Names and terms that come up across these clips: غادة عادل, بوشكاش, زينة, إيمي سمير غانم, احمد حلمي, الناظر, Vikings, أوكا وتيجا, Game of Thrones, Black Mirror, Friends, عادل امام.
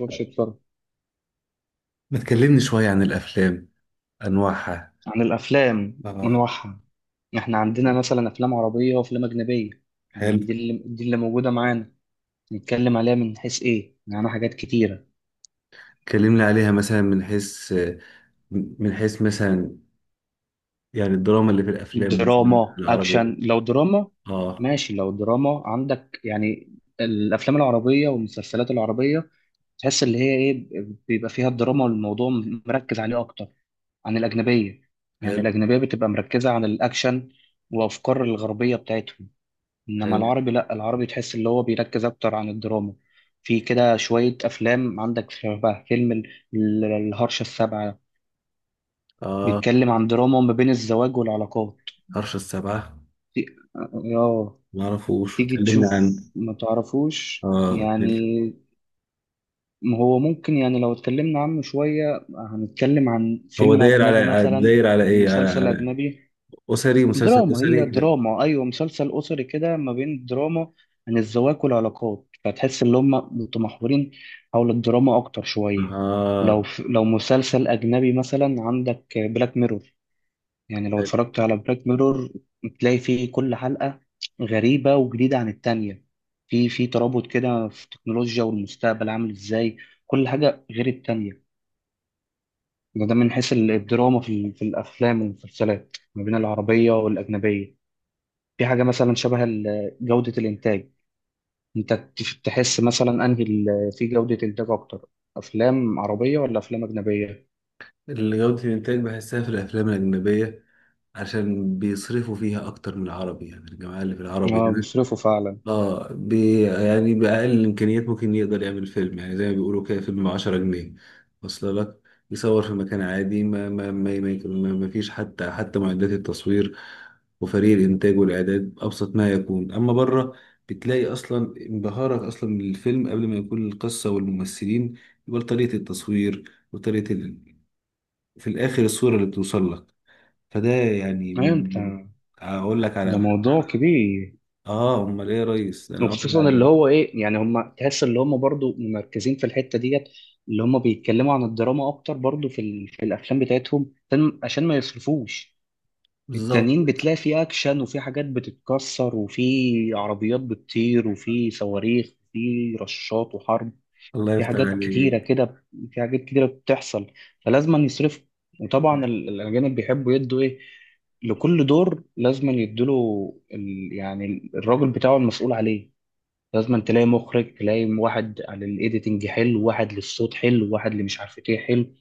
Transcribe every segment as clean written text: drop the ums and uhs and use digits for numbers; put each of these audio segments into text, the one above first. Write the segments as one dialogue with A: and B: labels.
A: ماتش اتفرج.
B: ما تكلمني شوية عن الأفلام، أنواعها.
A: عن الأفلام
B: اه.
A: ونوعها. إحنا عندنا مثلا أفلام عربية وأفلام أجنبية. يعني
B: حلو.
A: دي اللي موجودة معانا. نتكلم عليها من حيث إيه؟ معانا حاجات كتيرة.
B: كلمني عليها مثلا من حيث، من حيث مثلا، يعني الدراما اللي في الأفلام مثلا
A: دراما
B: العربي.
A: أكشن، لو دراما
B: آه.
A: ماشي، لو دراما عندك يعني. الأفلام العربية والمسلسلات العربية تحس اللي هي إيه، بيبقى فيها الدراما والموضوع مركز عليه أكتر عن الأجنبية. يعني
B: حلو.
A: الأجنبية بتبقى مركزة على الأكشن وأفكار الغربية بتاعتهم. انما
B: حلو.
A: العربي، لا، العربي تحس اللي هو بيركز اكتر عن الدراما. في كده شوية افلام عندك، شبه فيلم الهرشة السابعة.
B: آه.
A: بيتكلم عن دراما ما بين الزواج والعلاقات.
B: عرش السبعة.
A: تي- اه.
B: ما أعرفوش،
A: تيجي
B: كلمني
A: تشوف.
B: عن.
A: ما تعرفوش
B: آه كل-
A: يعني. ما هو ممكن يعني لو اتكلمنا عنه شوية، هنتكلم عن
B: هو
A: فيلم
B: داير
A: أجنبي
B: على،
A: مثلا،
B: داير على إيه على,
A: مسلسل
B: على
A: أجنبي.
B: أسري، مسلسل
A: دراما، هي
B: أسري.
A: دراما، ايوه، مسلسل اسري كده، ما بين دراما عن الزواج والعلاقات، فتحس ان هم متمحورين حول الدراما اكتر شويه.
B: آه.
A: لو مسلسل اجنبي مثلا عندك بلاك ميرور، يعني لو
B: حلو.
A: اتفرجت على بلاك ميرور تلاقي فيه كل حلقه غريبه وجديده عن التانية. في ترابط كده في التكنولوجيا والمستقبل عامل ازاي، كل حاجه غير التانية. ده من حيث الدراما في في الافلام والمسلسلات ما بين العربيه والاجنبيه. في حاجة مثلا شبه جودة الإنتاج. أنت تحس مثلا أنهي في جودة إنتاج أكتر، أفلام عربية ولا أفلام أجنبية؟
B: الجودة الإنتاج بحسها في الأفلام الأجنبية، عشان بيصرفوا فيها أكتر من العربي، يعني الجماعة اللي في العربي
A: آه،
B: هنا.
A: بيصرفوا فعلا.
B: اه بي يعني بأقل الإمكانيات ممكن يقدر يعمل فيلم، يعني زي ما بيقولوا كده فيلم بعشرة جنيه واصل لك. يصور في مكان عادي، ما فيش حتى معدات التصوير، وفريق الإنتاج والإعداد أبسط ما يكون. أما بره، بتلاقي أصلا انبهارك أصلا من الفيلم قبل ما يكون القصة والممثلين، يبقى طريقة التصوير وطريقة ال... في الآخر الصورة اللي بتوصل لك. فده يعني
A: أيوة أنت،
B: من، أقول لك
A: ده
B: على.
A: موضوع كبير.
B: آه أمال إيه يا ريس، أنا أقول لك
A: وخصوصا اللي
B: على.
A: هو إيه، يعني هم تحس اللي هم برضو مركزين في الحتة ديت، اللي هم بيتكلموا عن الدراما أكتر برضو في في الأفلام بتاعتهم عشان ما يصرفوش.
B: بالظبط.
A: التانيين بتلاقي في أكشن وفي حاجات بتتكسر وفي عربيات بتطير وفي صواريخ وفي رشاط وحرب،
B: الله
A: في
B: يفتح
A: حاجات كتيرة
B: عليك.
A: كده، في حاجات كتيرة بتحصل، فلازم يصرف. وطبعا الأجانب بيحبوا يدوا إيه، لكل دور لازم يدوا يعني الراجل بتاعه المسؤول عليه. لازم تلاقي مخرج، تلاقي واحد على الايديتنج حلو، واحد للصوت حلو، واحد اللي مش عارف ايه حلو.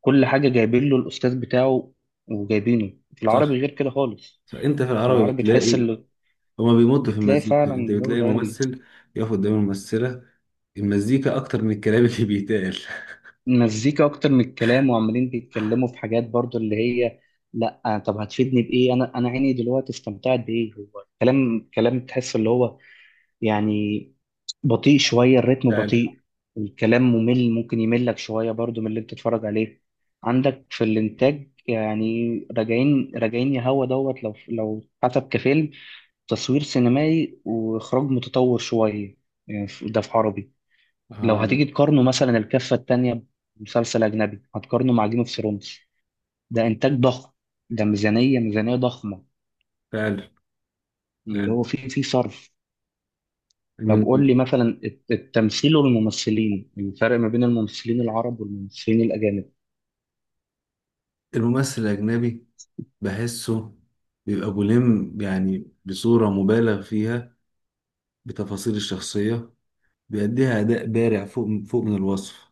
A: كل حاجة جايبين له الأستاذ بتاعه، وجايبينه في العربي
B: صح.
A: غير كده خالص.
B: صح. انت في
A: في
B: العربي
A: العربي تحس
B: بتلاقي
A: اللي
B: هما بيمطوا في
A: بتلاقي
B: المزيكا،
A: فعلا
B: انت
A: الجو
B: بتلاقي
A: ده،
B: الممثل يقف قدام الممثلة، المزيكا اكتر من الكلام اللي بيتقال.
A: مزيكا اكتر من الكلام، وعمالين بيتكلموا في حاجات برضو اللي هي لا طب هتفيدني بايه؟ انا عيني دلوقتي استمتعت بايه؟ هو كلام كلام تحس اللي هو يعني بطيء شويه، الريتم
B: فعلا.
A: بطيء. الكلام ممل، ممكن يملك شويه برضو من اللي انت تتفرج عليه. عندك في الانتاج يعني راجعين راجعين يا هوا دوت. لو حسب كفيلم، تصوير سينمائي واخراج متطور شويه، يعني ده في عربي. لو
B: آه.
A: هتيجي تقارنه مثلا، الكفة التانية، بمسلسل أجنبي هتقارنه مع جيم اوف ثرونز، ده إنتاج ضخم، ده ميزانية ضخمة.
B: فعلا.
A: اللي
B: فعلا.
A: هو فيه صرف. طب
B: من،
A: قول لي مثلا التمثيل والممثلين، الفرق ما بين الممثلين العرب والممثلين الأجانب.
B: الممثل الاجنبي بحسه بيبقى ملم، يعني بصورة مبالغ فيها بتفاصيل الشخصية، بيأديها أداء بارع فوق من الوصف.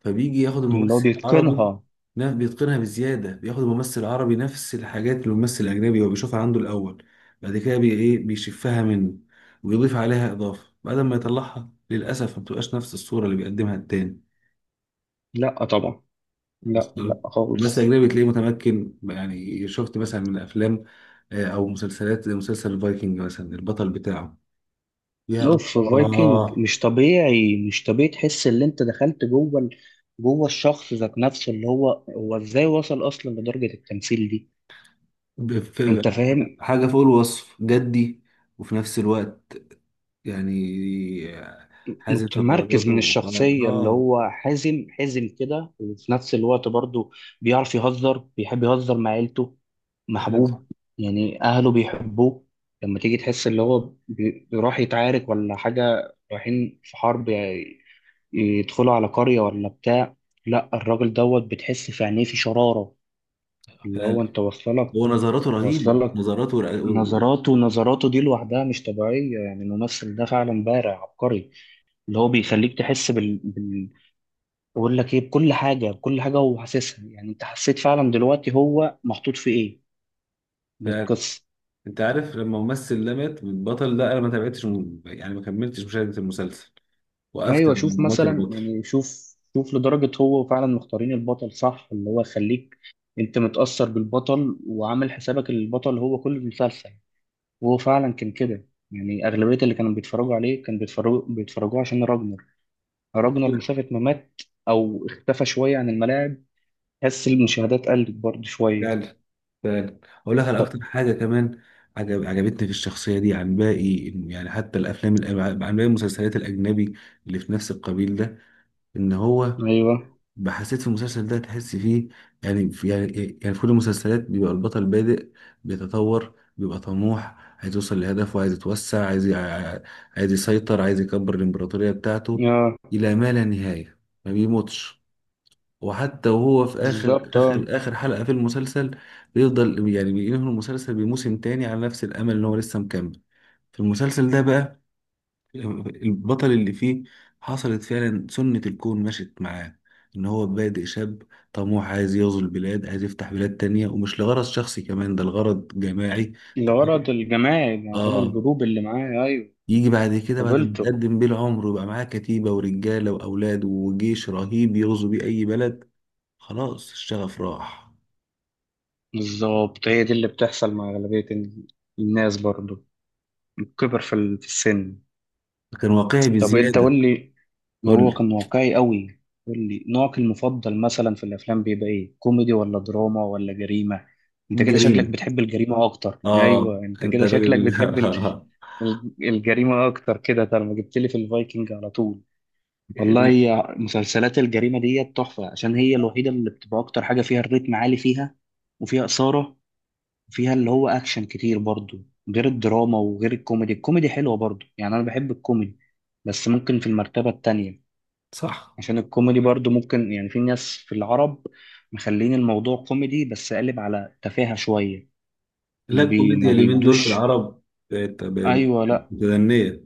B: فبيجي ياخد
A: اللي هو
B: الممثل العربي،
A: بيتقنها.
B: بيتقنها بزيادة، بياخد الممثل العربي نفس الحاجات اللي الممثل الأجنبي هو بيشوفها عنده الأول، بعد كده بي إيه بيشفها منه ويضيف عليها إضافة، بعد ما يطلعها للأسف ما بتبقاش نفس الصورة اللي بيقدمها التاني.
A: لا طبعا. لا،
B: أصلاً
A: لا،
B: الممثل
A: خالص.
B: الأجنبي تلاقيه متمكن، يعني شفت مثلا من أفلام، آه، أو مسلسلات زي مسلسل الفايكنج مثلا، البطل بتاعه يا
A: اوف فايكنج،
B: الله.
A: مش طبيعي، مش طبيعي. تحس ان انت دخلت جوه جوه الشخص ذات نفسه، اللي هو ازاي وصل اصلا لدرجة التمثيل دي،
B: بف-
A: انت فاهم.
B: حاجة فوق الوصف جدي، وفي نفس الوقت يعني حازم في
A: متمركز
B: قراراته
A: من الشخصية، اللي
B: اه.
A: هو حازم، حازم كده، وفي نفس الوقت برضه بيعرف يهزر، بيحب يهزر مع عيلته،
B: فعلا.
A: محبوب. يعني أهله بيحبوه. لما تيجي تحس اللي هو بيروح يتعارك ولا حاجة، رايحين في حرب يعني، يدخلوا على قرية ولا بتاع، لا الراجل دوت بتحس في عينيه في شرارة، اللي
B: فعلا.
A: هو أنت واصلة
B: هو نظراته رهيبه،
A: لك.
B: نظراته
A: نظراته، نظراته دي لوحدها مش طبيعية. يعني الممثل ده فعلا بارع عبقري، اللي هو بيخليك تحس بقول لك ايه، بكل حاجه، بكل حاجه هو حاسسها. يعني انت حسيت فعلا دلوقتي هو محطوط في ايه من
B: فعلا.
A: القصه.
B: انت عارف لما ممثل ده مات، البطل ده انا ما تابعتش يعني ما كملتش مشاهده المسلسل، وقفت
A: ايوه، شوف
B: لما مات
A: مثلا
B: البطل.
A: يعني، شوف شوف لدرجه هو فعلا مختارين البطل صح، اللي هو يخليك انت متاثر بالبطل، وعامل حسابك إن البطل هو كل المسلسل، وهو فعلا كان كده. يعني اغلبيه اللي كانوا بيتفرجوا عليه كانوا بيتفرجوا عشان راجنر. راجنر مسافه ما مات او اختفى شويه عن الملاعب، تحس المشاهدات قلت برضه شويه.
B: فعلا. فعلا. اقول لك على اكتر
A: طب.
B: حاجه كمان، عجبتني في الشخصيه دي عن باقي، يعني حتى الافلام عن باقي المسلسلات الاجنبي اللي في نفس القبيل ده، ان هو
A: ايوه.
B: حسيت في المسلسل ده تحس فيه. يعني في، يعني إيه، يعني في كل المسلسلات بيبقى البطل بادئ، بيتطور، بيبقى طموح، عايز يوصل لهدفه، عايز يتوسع، عايز يسيطر، عايز يكبر الإمبراطورية بتاعته
A: يا
B: إلى ما لا نهاية، ما بيموتش. وحتى وهو في آخر
A: بالظبط. اه.
B: آخر آخر حلقة في المسلسل بيفضل، يعني بينهي المسلسل بموسم تاني على نفس الأمل إن هو لسه مكمل. في المسلسل ده بقى، البطل اللي فيه حصلت فعلا سنة الكون مشت معاه، إن هو بادئ شاب طموح عايز يغزو البلاد، عايز يفتح بلاد تانية، ومش لغرض شخصي كمان، ده لغرض جماعي.
A: الغرض
B: تمام.
A: الجماعي، يعني عشان
B: آه.
A: الجروب اللي معاه، أيوه،
B: يجي بعد كده بعد ما
A: قبلته.
B: يتقدم بيه العمر ويبقى معاه كتيبة ورجالة وأولاد وجيش رهيب يغزو بيه أي بلد، خلاص الشغف راح.
A: بالظبط، هي دي اللي بتحصل مع أغلبية الناس برضو، الكبر في في السن.
B: كان واقعي
A: طب أنت
B: بزيادة.
A: قول لي.
B: قول
A: هو
B: لي.
A: كان واقعي قوي. قول لي نوعك المفضل مثلا في الأفلام بيبقى إيه، كوميدي ولا دراما ولا جريمة؟ أنت كده شكلك
B: الجريمة.
A: بتحب الجريمة أكتر،
B: آه
A: أيوه أنت
B: أنت
A: كده شكلك
B: راجل.
A: بتحب الجريمة أكتر كده، طالما جبت لي في الفايكنج على طول. والله، هي مسلسلات الجريمة دي تحفة، عشان هي الوحيدة اللي بتبقى أكتر حاجة، فيها الريتم عالي، فيها وفيها إثارة، وفيها اللي هو أكشن كتير برضو، غير الدراما وغير الكوميدي. الكوميدي حلوة برضو، يعني أنا بحب الكوميدي بس ممكن في المرتبة التانية،
B: صح.
A: عشان الكوميدي برضو ممكن يعني في ناس في العرب مخلين الموضوع كوميدي بس قالب على تفاهة شوية.
B: لا
A: ما
B: الكوميديا اليومين دول في
A: بيدوش.
B: العرب بقت
A: أيوة، لأ،
B: متدنية،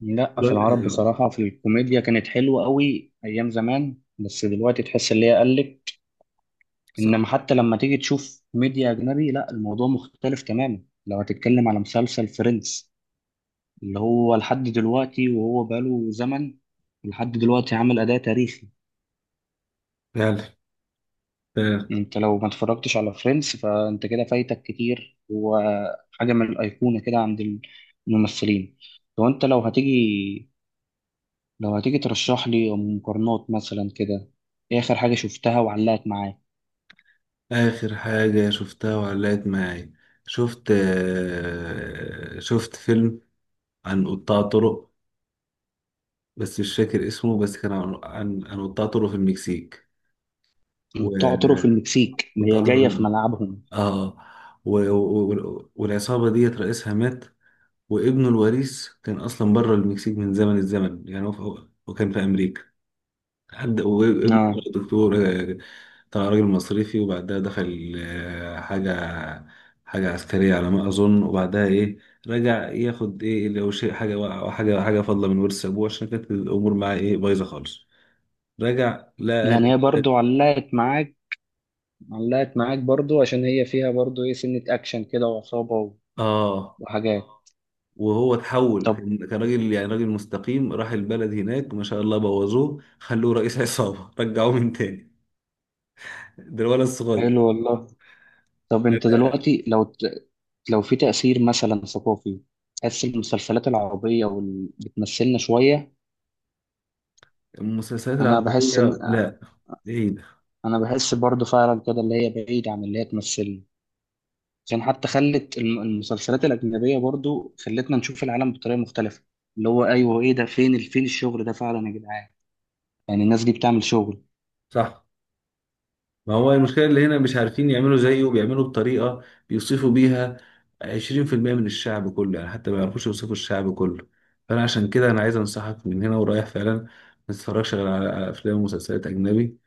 A: لأ، في
B: رايحة.
A: العرب بصراحة في الكوميديا كانت حلوة قوي أيام زمان، بس دلوقتي تحس اللي هي قلت.
B: صح.
A: انما حتى لما تيجي تشوف ميديا اجنبي، لا الموضوع مختلف تماما. لو هتتكلم على مسلسل فريندز، اللي هو لحد دلوقتي، وهو بقاله زمن لحد دلوقتي عامل اداء تاريخي.
B: فعلا. فعلا.
A: انت لو ما اتفرجتش على فريندز فانت كده فايتك كتير، وحاجه من الايقونه كده عند الممثلين. لو انت لو هتيجي لو هتيجي ترشح لي مقارنات مثلا كده، ايه اخر حاجه شفتها وعلقت معاك.
B: آخر حاجة شفتها وعلقت معايا، شفت آه، شفت فيلم عن قطاع طرق، بس مش فاكر اسمه، بس كان عن قطاع طرق في المكسيك،
A: بتوع طرق في
B: وقطاع
A: المكسيك اللي هي جايه في
B: طرق.
A: ملعبهم.
B: اه. و... و... و- والعصابة ديت رئيسها مات، وابنه الوريث كان أصلا بره المكسيك من زمن الزمن، يعني هو وكان في أمريكا. حد وابنه
A: اه.
B: دكتور، آه، طلع راجل مصرفي، وبعدها دخل آه، حاجة حاجة عسكرية على ما أظن، وبعدها إيه، رجع ياخد إيه لو شيء حاجة حاجة حاجة فاضلة من ورث أبوه، عشان كانت الأمور معاه إيه بايظة خالص. رجع لقى أهل
A: يعني هي برضو
B: البلد.
A: علقت معاك، برضو عشان هي فيها برضو ايه، سنة اكشن كده وعصابة
B: آه.
A: وحاجات.
B: وهو اتحول،
A: طب،
B: كان راجل يعني راجل مستقيم، راح البلد هناك ما شاء الله بوظوه خلوه رئيس عصابة رجعوه من تاني، ده الولد الصغير.
A: حلو والله. طب
B: لا،
A: انت
B: لا.
A: دلوقتي لو في تأثير مثلا ثقافي، تحس المسلسلات العربية بتمثلنا شوية؟
B: المسلسلات
A: انا بحس ان
B: العربية لا، بعيدة.
A: انا بحس برضو فعلا كده، اللي هي بعيد عن اللي هي تمثلنا، عشان حتى خلت المسلسلات الأجنبية برضو خلتنا نشوف العالم بطريقة مختلفة. اللي هو ايوه، ايه ده، فين فين الشغل ده فعلا يا جدعان؟ يعني الناس دي بتعمل شغل.
B: صح. ما هو المشكلة اللي هنا مش عارفين يعملوا زيه، بيعملوا بطريقة بيوصفوا بيها 20% من الشعب كله، يعني حتى ما يعرفوش يوصفوا الشعب كله. فأنا عشان كده أنا عايز أنصحك من هنا ورايح، فعلا ما تتفرجش غير على على أفلام ومسلسلات أجنبي،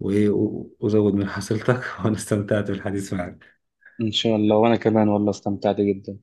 B: وزود من حصيلتك. وأنا استمتعت بالحديث معك.
A: إن شاء الله، وأنا كمان والله استمتعت جدا.